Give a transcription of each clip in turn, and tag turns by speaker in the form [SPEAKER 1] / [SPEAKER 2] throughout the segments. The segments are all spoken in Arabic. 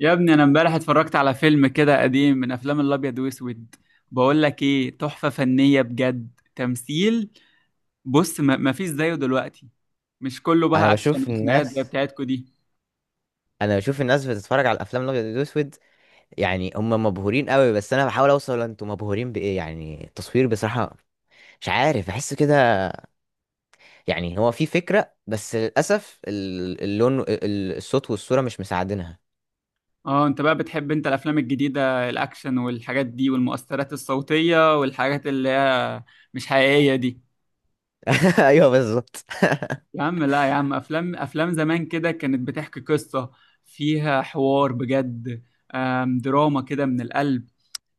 [SPEAKER 1] يا ابني انا امبارح اتفرجت على فيلم كده قديم من افلام الابيض واسود. بقول لك ايه؟ تحفة فنية بجد، تمثيل. بص، ما فيش زيه دلوقتي. مش كله
[SPEAKER 2] انا
[SPEAKER 1] بقى اكشن
[SPEAKER 2] بشوف
[SPEAKER 1] وخناقات زي
[SPEAKER 2] الناس
[SPEAKER 1] بتاعتكو دي.
[SPEAKER 2] انا بشوف الناس بتتفرج على الافلام الابيض والاسود. يعني هم مبهورين قوي، بس انا بحاول اوصل، انتوا مبهورين بايه؟ يعني التصوير بصراحه، مش عارف، بحس كده. يعني هو في فكره، بس للاسف اللون، الصوت والصوره مش مساعدينها.
[SPEAKER 1] اه، انت بقى بتحب انت الافلام الجديدة، الاكشن والحاجات دي والمؤثرات الصوتية والحاجات اللي هي مش حقيقية دي.
[SPEAKER 2] ايوه بالظبط.
[SPEAKER 1] يا عم لا، يا عم افلام زمان كده كانت بتحكي قصة، فيها حوار بجد. دراما كده من القلب.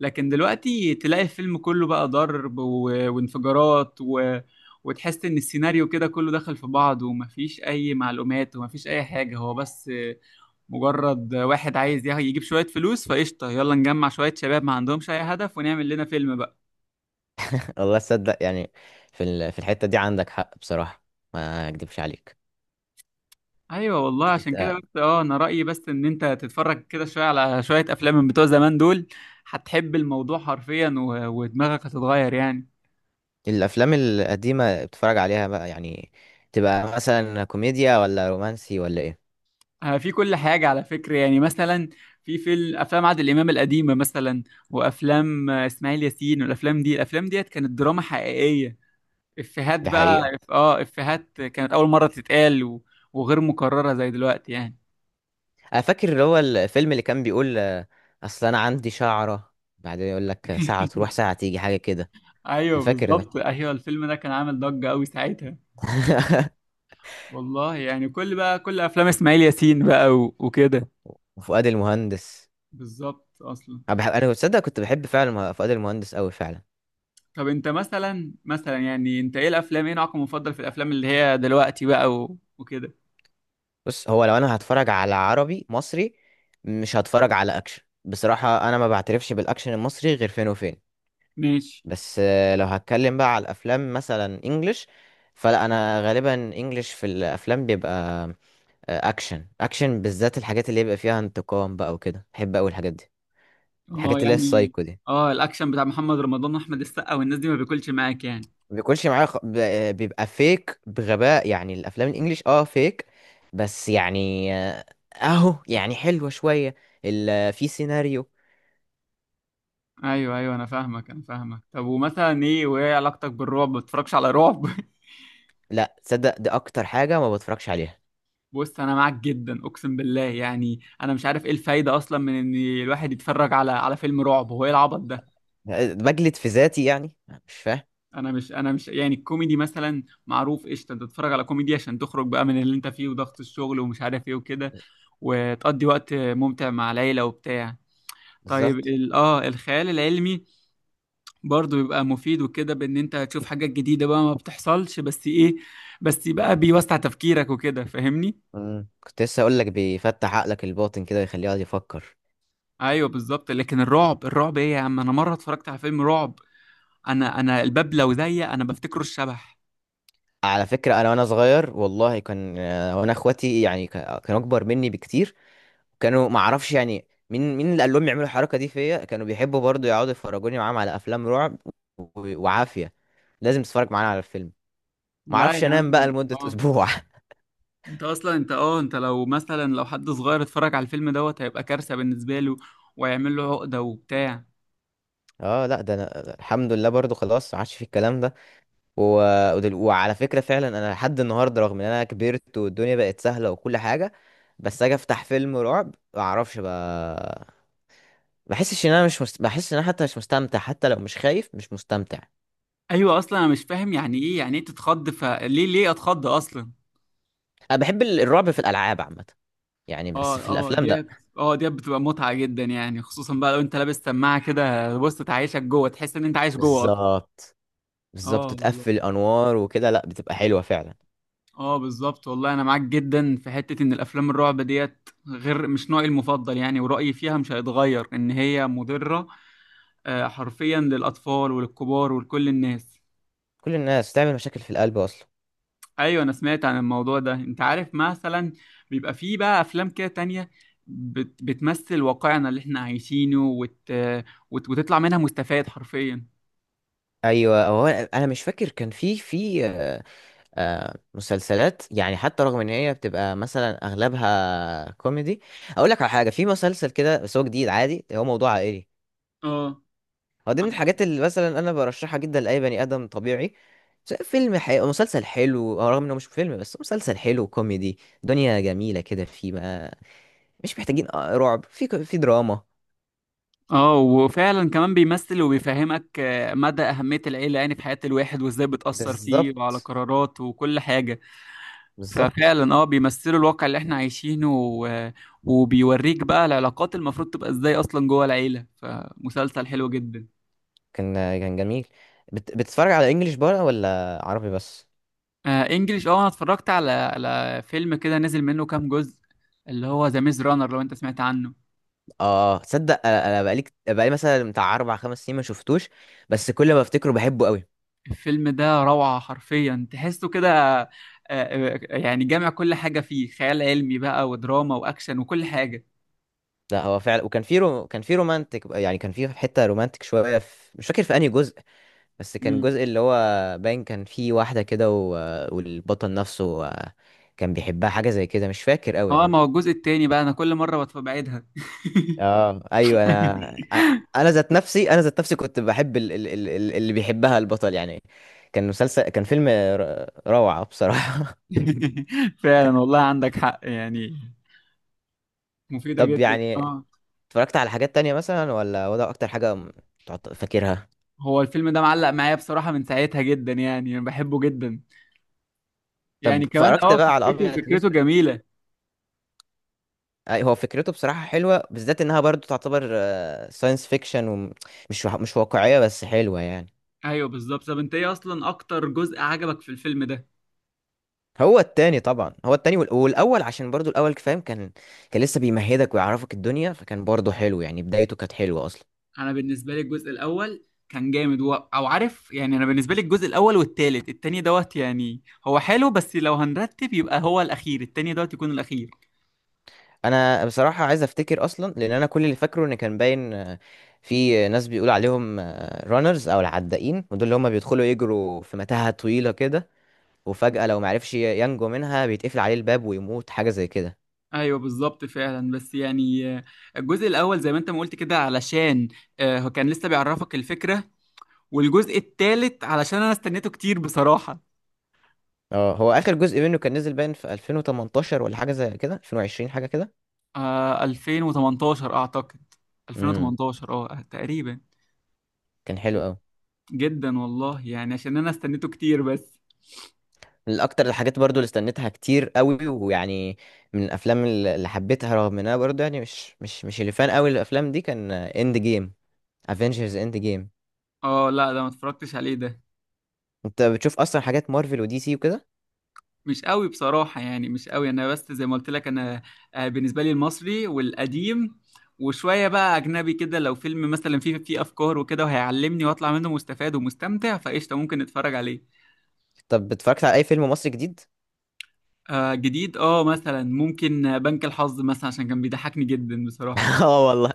[SPEAKER 1] لكن دلوقتي تلاقي الفيلم كله بقى ضرب و... وانفجارات، و... وتحس ان السيناريو كده كله دخل في بعض ومفيش اي معلومات ومفيش اي حاجة. هو بس مجرد واحد عايز يجيب شوية فلوس، فقشطة يلا نجمع شوية شباب ما عندهمش اي هدف ونعمل لنا فيلم بقى.
[SPEAKER 2] والله تصدق يعني، في الحته دي عندك حق بصراحه، ما اكدبش عليك.
[SPEAKER 1] ايوه والله، عشان كده
[SPEAKER 2] أنت
[SPEAKER 1] بس اه، انا رأيي بس ان انت تتفرج كده شوية على شوية افلام من بتوع زمان دول. هتحب الموضوع حرفيا، و... ودماغك هتتغير يعني.
[SPEAKER 2] الافلام القديمه بتتفرج عليها بقى؟ يعني تبقى مثلا كوميديا، ولا رومانسي، ولا ايه؟
[SPEAKER 1] في كل حاجة على فكرة، يعني مثلا في فيلم، أفلام عادل إمام القديمة مثلا، وأفلام إسماعيل ياسين، والأفلام دي الأفلام ديت كانت دراما حقيقية. إفيهات
[SPEAKER 2] دي
[SPEAKER 1] بقى،
[SPEAKER 2] حقيقه.
[SPEAKER 1] إفيهات كانت أول مرة تتقال، و- وغير مكررة زي دلوقتي يعني.
[SPEAKER 2] انا فاكر اللي هو الفيلم اللي كان بيقول، اصل انا عندي شعرة بعدين يقول لك ساعة تروح ساعة تيجي، حاجة كده. انا
[SPEAKER 1] أيوه
[SPEAKER 2] فاكر ده.
[SPEAKER 1] بالظبط، أيوه الفيلم ده كان عامل ضجة أوي ساعتها. والله يعني، كل بقى كل أفلام إسماعيل ياسين بقى و- وكده.
[SPEAKER 2] وفؤاد المهندس.
[SPEAKER 1] بالظبط أصلا.
[SPEAKER 2] انا بحب، انا تصدق كنت بحب فعلا فؤاد المهندس قوي فعلا.
[SPEAKER 1] طب أنت مثلا، أنت إيه الأفلام؟ إيه نوعك المفضل في الأفلام اللي هي دلوقتي بقى و- وكده؟
[SPEAKER 2] بص، هو لو انا هتفرج على عربي مصري، مش هتفرج على اكشن بصراحة. انا ما بعترفش بالاكشن المصري غير فين وفين.
[SPEAKER 1] ماشي.
[SPEAKER 2] بس لو هتكلم بقى على الافلام مثلا انجلش، فلا انا غالبا انجلش في الافلام بيبقى اكشن. اكشن بالذات الحاجات اللي يبقى فيها انتقام بقى وكده، بحب قوي الحاجات دي،
[SPEAKER 1] اه
[SPEAKER 2] الحاجات اللي هي
[SPEAKER 1] يعني.
[SPEAKER 2] السايكو دي.
[SPEAKER 1] اه الاكشن بتاع محمد رمضان واحمد السقا والناس دي ما بياكلش معاك يعني؟
[SPEAKER 2] ما بيكونش معايا بيبقى فيك بغباء، يعني الافلام الانجليش فيك. بس يعني، اهو يعني حلوة شوية، في سيناريو.
[SPEAKER 1] ايوه ايوه، انا فاهمك انا فاهمك. طب ومثلا ايه؟ وايه علاقتك بالرعب؟ ما بتتفرجش على رعب؟
[SPEAKER 2] لا تصدق، دي اكتر حاجة ما بتفرجش عليها.
[SPEAKER 1] بص انا معاك جدا، اقسم بالله يعني انا مش عارف ايه الفايده اصلا من ان الواحد يتفرج على على فيلم رعب. هو ايه العبط ده؟
[SPEAKER 2] بجلد في ذاتي يعني، مش فاهم.
[SPEAKER 1] انا مش يعني، الكوميدي مثلا معروف، قشطه، انت تتفرج على كوميدي عشان تخرج بقى من اللي انت فيه، وضغط الشغل ومش عارف ايه وكده، وتقضي وقت ممتع مع العيله وبتاع. طيب
[SPEAKER 2] بالظبط.
[SPEAKER 1] الخيال العلمي برضه بيبقى مفيد وكده، بان انت هتشوف حاجات جديدة بقى ما بتحصلش. بس ايه، بس بقى بيوسع تفكيرك وكده، فاهمني؟
[SPEAKER 2] كنت لسه اقول لك، بيفتح عقلك الباطن كده ويخليه يقعد يفكر.
[SPEAKER 1] ايوه بالظبط. لكن الرعب، الرعب ايه يا عم؟ انا مرة اتفرجت على فيلم رعب، انا الباب لو ضيق انا بفتكره الشبح.
[SPEAKER 2] على فكرة أنا وأنا صغير والله كان، وأنا إخواتي يعني كانوا أكبر مني بكتير. كانوا ما أعرفش يعني مين اللي قال لهم يعملوا الحركة دي فيا، كانوا بيحبوا برضو يقعدوا يفرجوني معاهم على أفلام رعب. وعافية، لازم تتفرج معانا على الفيلم. ما
[SPEAKER 1] لا
[SPEAKER 2] أعرفش
[SPEAKER 1] يا عم.
[SPEAKER 2] أنام بقى لمدة
[SPEAKER 1] اه
[SPEAKER 2] أسبوع.
[SPEAKER 1] انت اصلا، انت لو مثلا لو حد صغير اتفرج على الفيلم دوت هيبقى كارثة بالنسبة له، ويعمل له عقدة وبتاع.
[SPEAKER 2] أه لا، ده أنا الحمد لله برضو خلاص ما عادش في الكلام ده. و... وعلى فكرة فعلا أنا لحد النهاردة، رغم إن أنا كبرت والدنيا بقت سهلة وكل حاجة، بس أجي أفتح فيلم رعب ما أعرفش بقى. بحس ان انا حتى مش مستمتع، حتى لو مش خايف مش مستمتع.
[SPEAKER 1] ايوه، اصلا انا مش فاهم يعني ايه، يعني ايه تتخض؟ فليه، ليه اتخض اصلا؟
[SPEAKER 2] انا بحب الرعب في الالعاب عامه يعني، بس
[SPEAKER 1] اه.
[SPEAKER 2] في
[SPEAKER 1] اه
[SPEAKER 2] الافلام لا.
[SPEAKER 1] ديت، اه ديت بتبقى متعة جدا يعني، خصوصا بقى لو انت لابس سماعة كده، بص تعيشك جوه، تحس ان انت عايش جوه اصلا.
[SPEAKER 2] بالظبط.
[SPEAKER 1] اه
[SPEAKER 2] بالظبط،
[SPEAKER 1] والله.
[SPEAKER 2] تقفل انوار وكده، لا بتبقى حلوه فعلا.
[SPEAKER 1] اه بالظبط والله، انا معاك جدا في حتة ان الافلام الرعب ديت، غير مش نوعي المفضل يعني، ورأيي فيها مش هيتغير، ان هي مضرة حرفيا للاطفال وللكبار ولكل الناس.
[SPEAKER 2] كل الناس تعمل مشاكل في القلب اصلا.
[SPEAKER 1] ايوه، انا سمعت عن الموضوع ده. انت عارف مثلا بيبقى فيه بقى افلام كده تانية، بتمثل واقعنا اللي احنا عايشينه، وت... وت... وتطلع منها مستفاد حرفيا.
[SPEAKER 2] ايوه، هو أنا مش فاكر كان في مسلسلات يعني، حتى رغم ان هي بتبقى مثلا اغلبها كوميدي. اقول لك على حاجه، في مسلسل كده بس هو جديد، عادي، هو موضوع عائلي.
[SPEAKER 1] اه.
[SPEAKER 2] هو دي من الحاجات اللي مثلا انا برشحها جدا لاي بني ادم طبيعي، سواء فيلم أو مسلسل حلو. رغم انه مش فيلم بس مسلسل حلو كوميدي، دنيا جميله كده فيه بقى. مش محتاجين رعب في في دراما.
[SPEAKER 1] اه، وفعلا كمان بيمثل وبيفهمك مدى أهمية العيلة يعني في حياة الواحد، وازاي بتأثر فيه وعلى
[SPEAKER 2] بالظبط.
[SPEAKER 1] قراراته وكل حاجة.
[SPEAKER 2] بالظبط.
[SPEAKER 1] ففعلا اه بيمثلوا الواقع اللي احنا عايشينه، و... وبيوريك بقى العلاقات المفروض تبقى ازاي اصلا جوه العيلة. فمسلسل حلو جدا.
[SPEAKER 2] كان كان جميل. بتتفرج على انجليش بقى ولا عربي بس؟
[SPEAKER 1] آه انجليش. اه انا اتفرجت على على فيلم كده نزل منه كام جزء، اللي هو ذا ميز رانر، لو انت سمعت عنه.
[SPEAKER 2] اه تصدق، انا بقالي بقالي مثلا بتاع اربع خمس سنين ما شفتوش، بس كل ما افتكره بحبه قوي.
[SPEAKER 1] الفيلم ده روعة حرفيا، تحسه كده يعني جامع كل حاجة فيه، خيال علمي بقى ودراما واكشن وكل حاجة.
[SPEAKER 2] ده هو فعلا، وكان كان في رومانتك، يعني كان في حته رومانتك شويه، مش فاكر في انهي جزء، بس كان
[SPEAKER 1] مم.
[SPEAKER 2] جزء اللي هو باين كان فيه واحدة كده، والبطل نفسه كان بيحبها، حاجة زي كده، مش فاكر قوي
[SPEAKER 1] اه،
[SPEAKER 2] يعني.
[SPEAKER 1] ما هو الجزء التاني بقى انا كل مرة بعيدها.
[SPEAKER 2] اه ايوه انا. انا ذات نفسي كنت بحب اللي بيحبها البطل، يعني كان فيلم روعة بصراحة.
[SPEAKER 1] فعلا والله، عندك حق يعني. مفيدة
[SPEAKER 2] طب
[SPEAKER 1] جدا
[SPEAKER 2] يعني،
[SPEAKER 1] اه.
[SPEAKER 2] اتفرجت على حاجات تانية مثلا، ولا هو ده اكتر حاجة فاكرها؟
[SPEAKER 1] هو الفيلم ده معلق معايا بصراحة من ساعتها جدا يعني، انا بحبه جدا.
[SPEAKER 2] طب
[SPEAKER 1] يعني كمان
[SPEAKER 2] اتفرجت
[SPEAKER 1] اه،
[SPEAKER 2] بقى على
[SPEAKER 1] فكرته
[SPEAKER 2] ابيض
[SPEAKER 1] فكرته
[SPEAKER 2] واسود؟
[SPEAKER 1] جميلة.
[SPEAKER 2] أي، هو فكرته بصراحة حلوة، بالذات انها برضو تعتبر ساينس فيكشن ومش مش واقعية، بس حلوة يعني.
[SPEAKER 1] ايوه بالظبط. طب انت ايه اصلا اكتر جزء عجبك في الفيلم ده؟
[SPEAKER 2] هو التاني طبعا، هو التاني، والاول عشان برضو الاول، فاهم، كان لسه بيمهدك ويعرفك الدنيا، فكان برضو حلو يعني، بدايته كانت حلوه اصلا.
[SPEAKER 1] انا بالنسبه لي الجزء الاول كان جامد، و... او عارف يعني انا بالنسبه لي الجزء الاول والتالت، التاني دوت يعني هو حلو، بس لو هنرتب يبقى هو الاخير، التاني دوت يكون الاخير.
[SPEAKER 2] انا بصراحه عايز افتكر اصلا، لان انا كل اللي فاكره ان كان باين، في ناس بيقول عليهم رانرز او العدائين، ودول اللي هم بيدخلوا يجروا في متاهه طويله كده، وفجاه لو معرفش ينجو منها بيتقفل عليه الباب ويموت، حاجه زي كده.
[SPEAKER 1] ايوه بالظبط فعلا، بس يعني الجزء الاول زي ما انت ما قلت كده، علشان هو كان لسه بيعرفك الفكره، والجزء التالت علشان انا استنيته كتير بصراحه.
[SPEAKER 2] اه، هو اخر جزء منه كان نزل باين في 2018 ولا حاجه زي كده، 2020 حاجه كده.
[SPEAKER 1] آه 2018 اعتقد.
[SPEAKER 2] امم.
[SPEAKER 1] 2018 اه تقريبا.
[SPEAKER 2] كان حلو.
[SPEAKER 1] جدا والله يعني، عشان انا استنيته كتير بس.
[SPEAKER 2] من اكتر الحاجات برضو اللي استنيتها كتير قوي، ويعني من الافلام اللي حبيتها، رغم انها برضو يعني مش اللي فان قوي الافلام دي، كان اند جيم. افنجرز اند جيم.
[SPEAKER 1] اه لا، ده ما اتفرجتش عليه ده.
[SPEAKER 2] انت بتشوف اصلا حاجات مارفل ودي سي وكده؟
[SPEAKER 1] مش قوي بصراحة يعني، مش قوي. انا بس زي ما قلت لك، انا بالنسبة لي المصري والقديم، وشوية بقى اجنبي كده. لو فيلم مثلا فيه افكار وكده، وهيعلمني واطلع منه مستفاد ومستمتع، فقشطة ممكن اتفرج عليه.
[SPEAKER 2] طب اتفرجت على اي فيلم مصري جديد؟
[SPEAKER 1] آه جديد، اه مثلا ممكن بنك الحظ مثلا، عشان كان بيضحكني جدا بصراحة.
[SPEAKER 2] اه والله.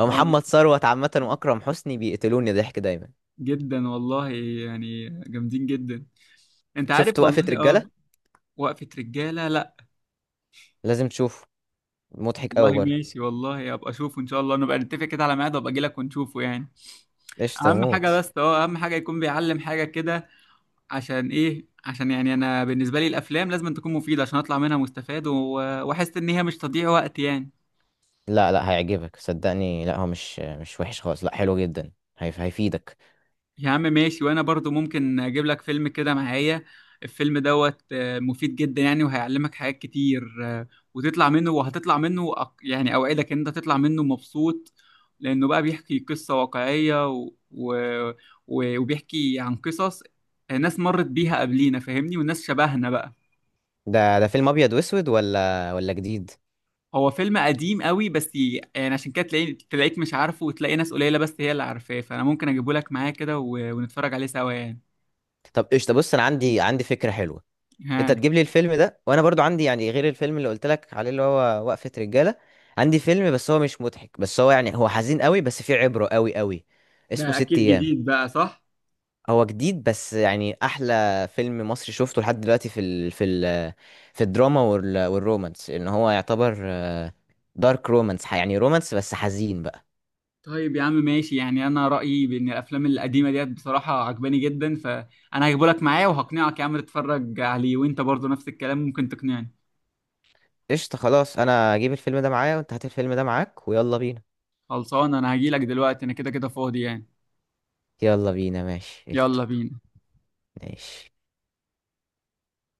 [SPEAKER 2] هو محمد
[SPEAKER 1] اه
[SPEAKER 2] ثروت عامه واكرم حسني بيقتلوني ضحك دايما.
[SPEAKER 1] جدا والله. يعني جامدين جدا. انت عارف
[SPEAKER 2] شفت وقفة
[SPEAKER 1] والله، اه.
[SPEAKER 2] رجالة؟
[SPEAKER 1] وقفة رجالة؟ لا.
[SPEAKER 2] لازم تشوفه، مضحك
[SPEAKER 1] والله
[SPEAKER 2] قوي برضو.
[SPEAKER 1] ماشي، والله ابقى اشوفه ان شاء الله. نبقى نتفق كده على ميعاد وابقى اجي لك ونشوفه يعني.
[SPEAKER 2] ايش
[SPEAKER 1] اهم
[SPEAKER 2] تموت.
[SPEAKER 1] حاجه بس اه، اهم حاجه يكون بيعلم حاجه كده. عشان ايه؟ عشان يعني انا بالنسبه لي الافلام لازم تكون مفيده، عشان اطلع منها مستفاد، و- واحس ان هي مش تضييع وقت يعني.
[SPEAKER 2] لا لا، هيعجبك صدقني، لا هو مش وحش خالص، لا حلو جدا، هيفيدك.
[SPEAKER 1] يا عم ماشي. وانا برضو ممكن اجيب لك فيلم كده معايا، الفيلم دوت مفيد جدا يعني، وهيعلمك حاجات كتير، وتطلع منه، وهتطلع منه يعني اوعدك ان انت تطلع منه مبسوط، لانه بقى بيحكي قصة واقعية، و... و... و- وبيحكي عن قصص ناس مرت بيها قبلينا، فاهمني؟ والناس شبهنا بقى.
[SPEAKER 2] ده فيلم ابيض واسود ولا جديد؟
[SPEAKER 1] هو فيلم قديم قوي، بس يعني عشان كده تلاقي، تلاقيك مش عارفه، وتلاقي ناس قليلة بس هي اللي عارفاه. فانا ممكن اجيبه لك معايا كده، و... ونتفرج عليه سوا يعني.
[SPEAKER 2] طب قشطه، بص انا عندي فكره حلوه. انت
[SPEAKER 1] ها.
[SPEAKER 2] تجيب لي الفيلم ده، وانا برضو عندي يعني غير الفيلم اللي قلت لك عليه اللي هو وقفه رجاله، عندي فيلم بس هو مش مضحك، بس هو يعني هو حزين قوي، بس فيه عبره قوي قوي. اسمه
[SPEAKER 1] ده
[SPEAKER 2] ست
[SPEAKER 1] اكيد
[SPEAKER 2] ايام.
[SPEAKER 1] جديد بقى، صح؟
[SPEAKER 2] هو جديد، بس يعني احلى فيلم مصري شفته لحد دلوقتي في الدراما والرومانس، ان هو يعتبر دارك رومانس، يعني رومانس بس حزين بقى.
[SPEAKER 1] طيب يا عم ماشي. يعني انا رايي بان الافلام القديمه ديت بصراحه عجباني جدا، فانا هجيبه لك معايا وهقنعك يا عم تتفرج عليه، وانت برضو نفس الكلام ممكن تقنعني.
[SPEAKER 2] قشطه خلاص، انا هجيب الفيلم ده معايا، وانت هات الفيلم ده معاك، ويلا بينا.
[SPEAKER 1] خلصان. انا هجيلك دلوقتي، انا كده كده فاضي يعني.
[SPEAKER 2] يلا بينا، ماشي
[SPEAKER 1] يلا
[SPEAKER 2] قشطة.
[SPEAKER 1] بينا.
[SPEAKER 2] ماشي.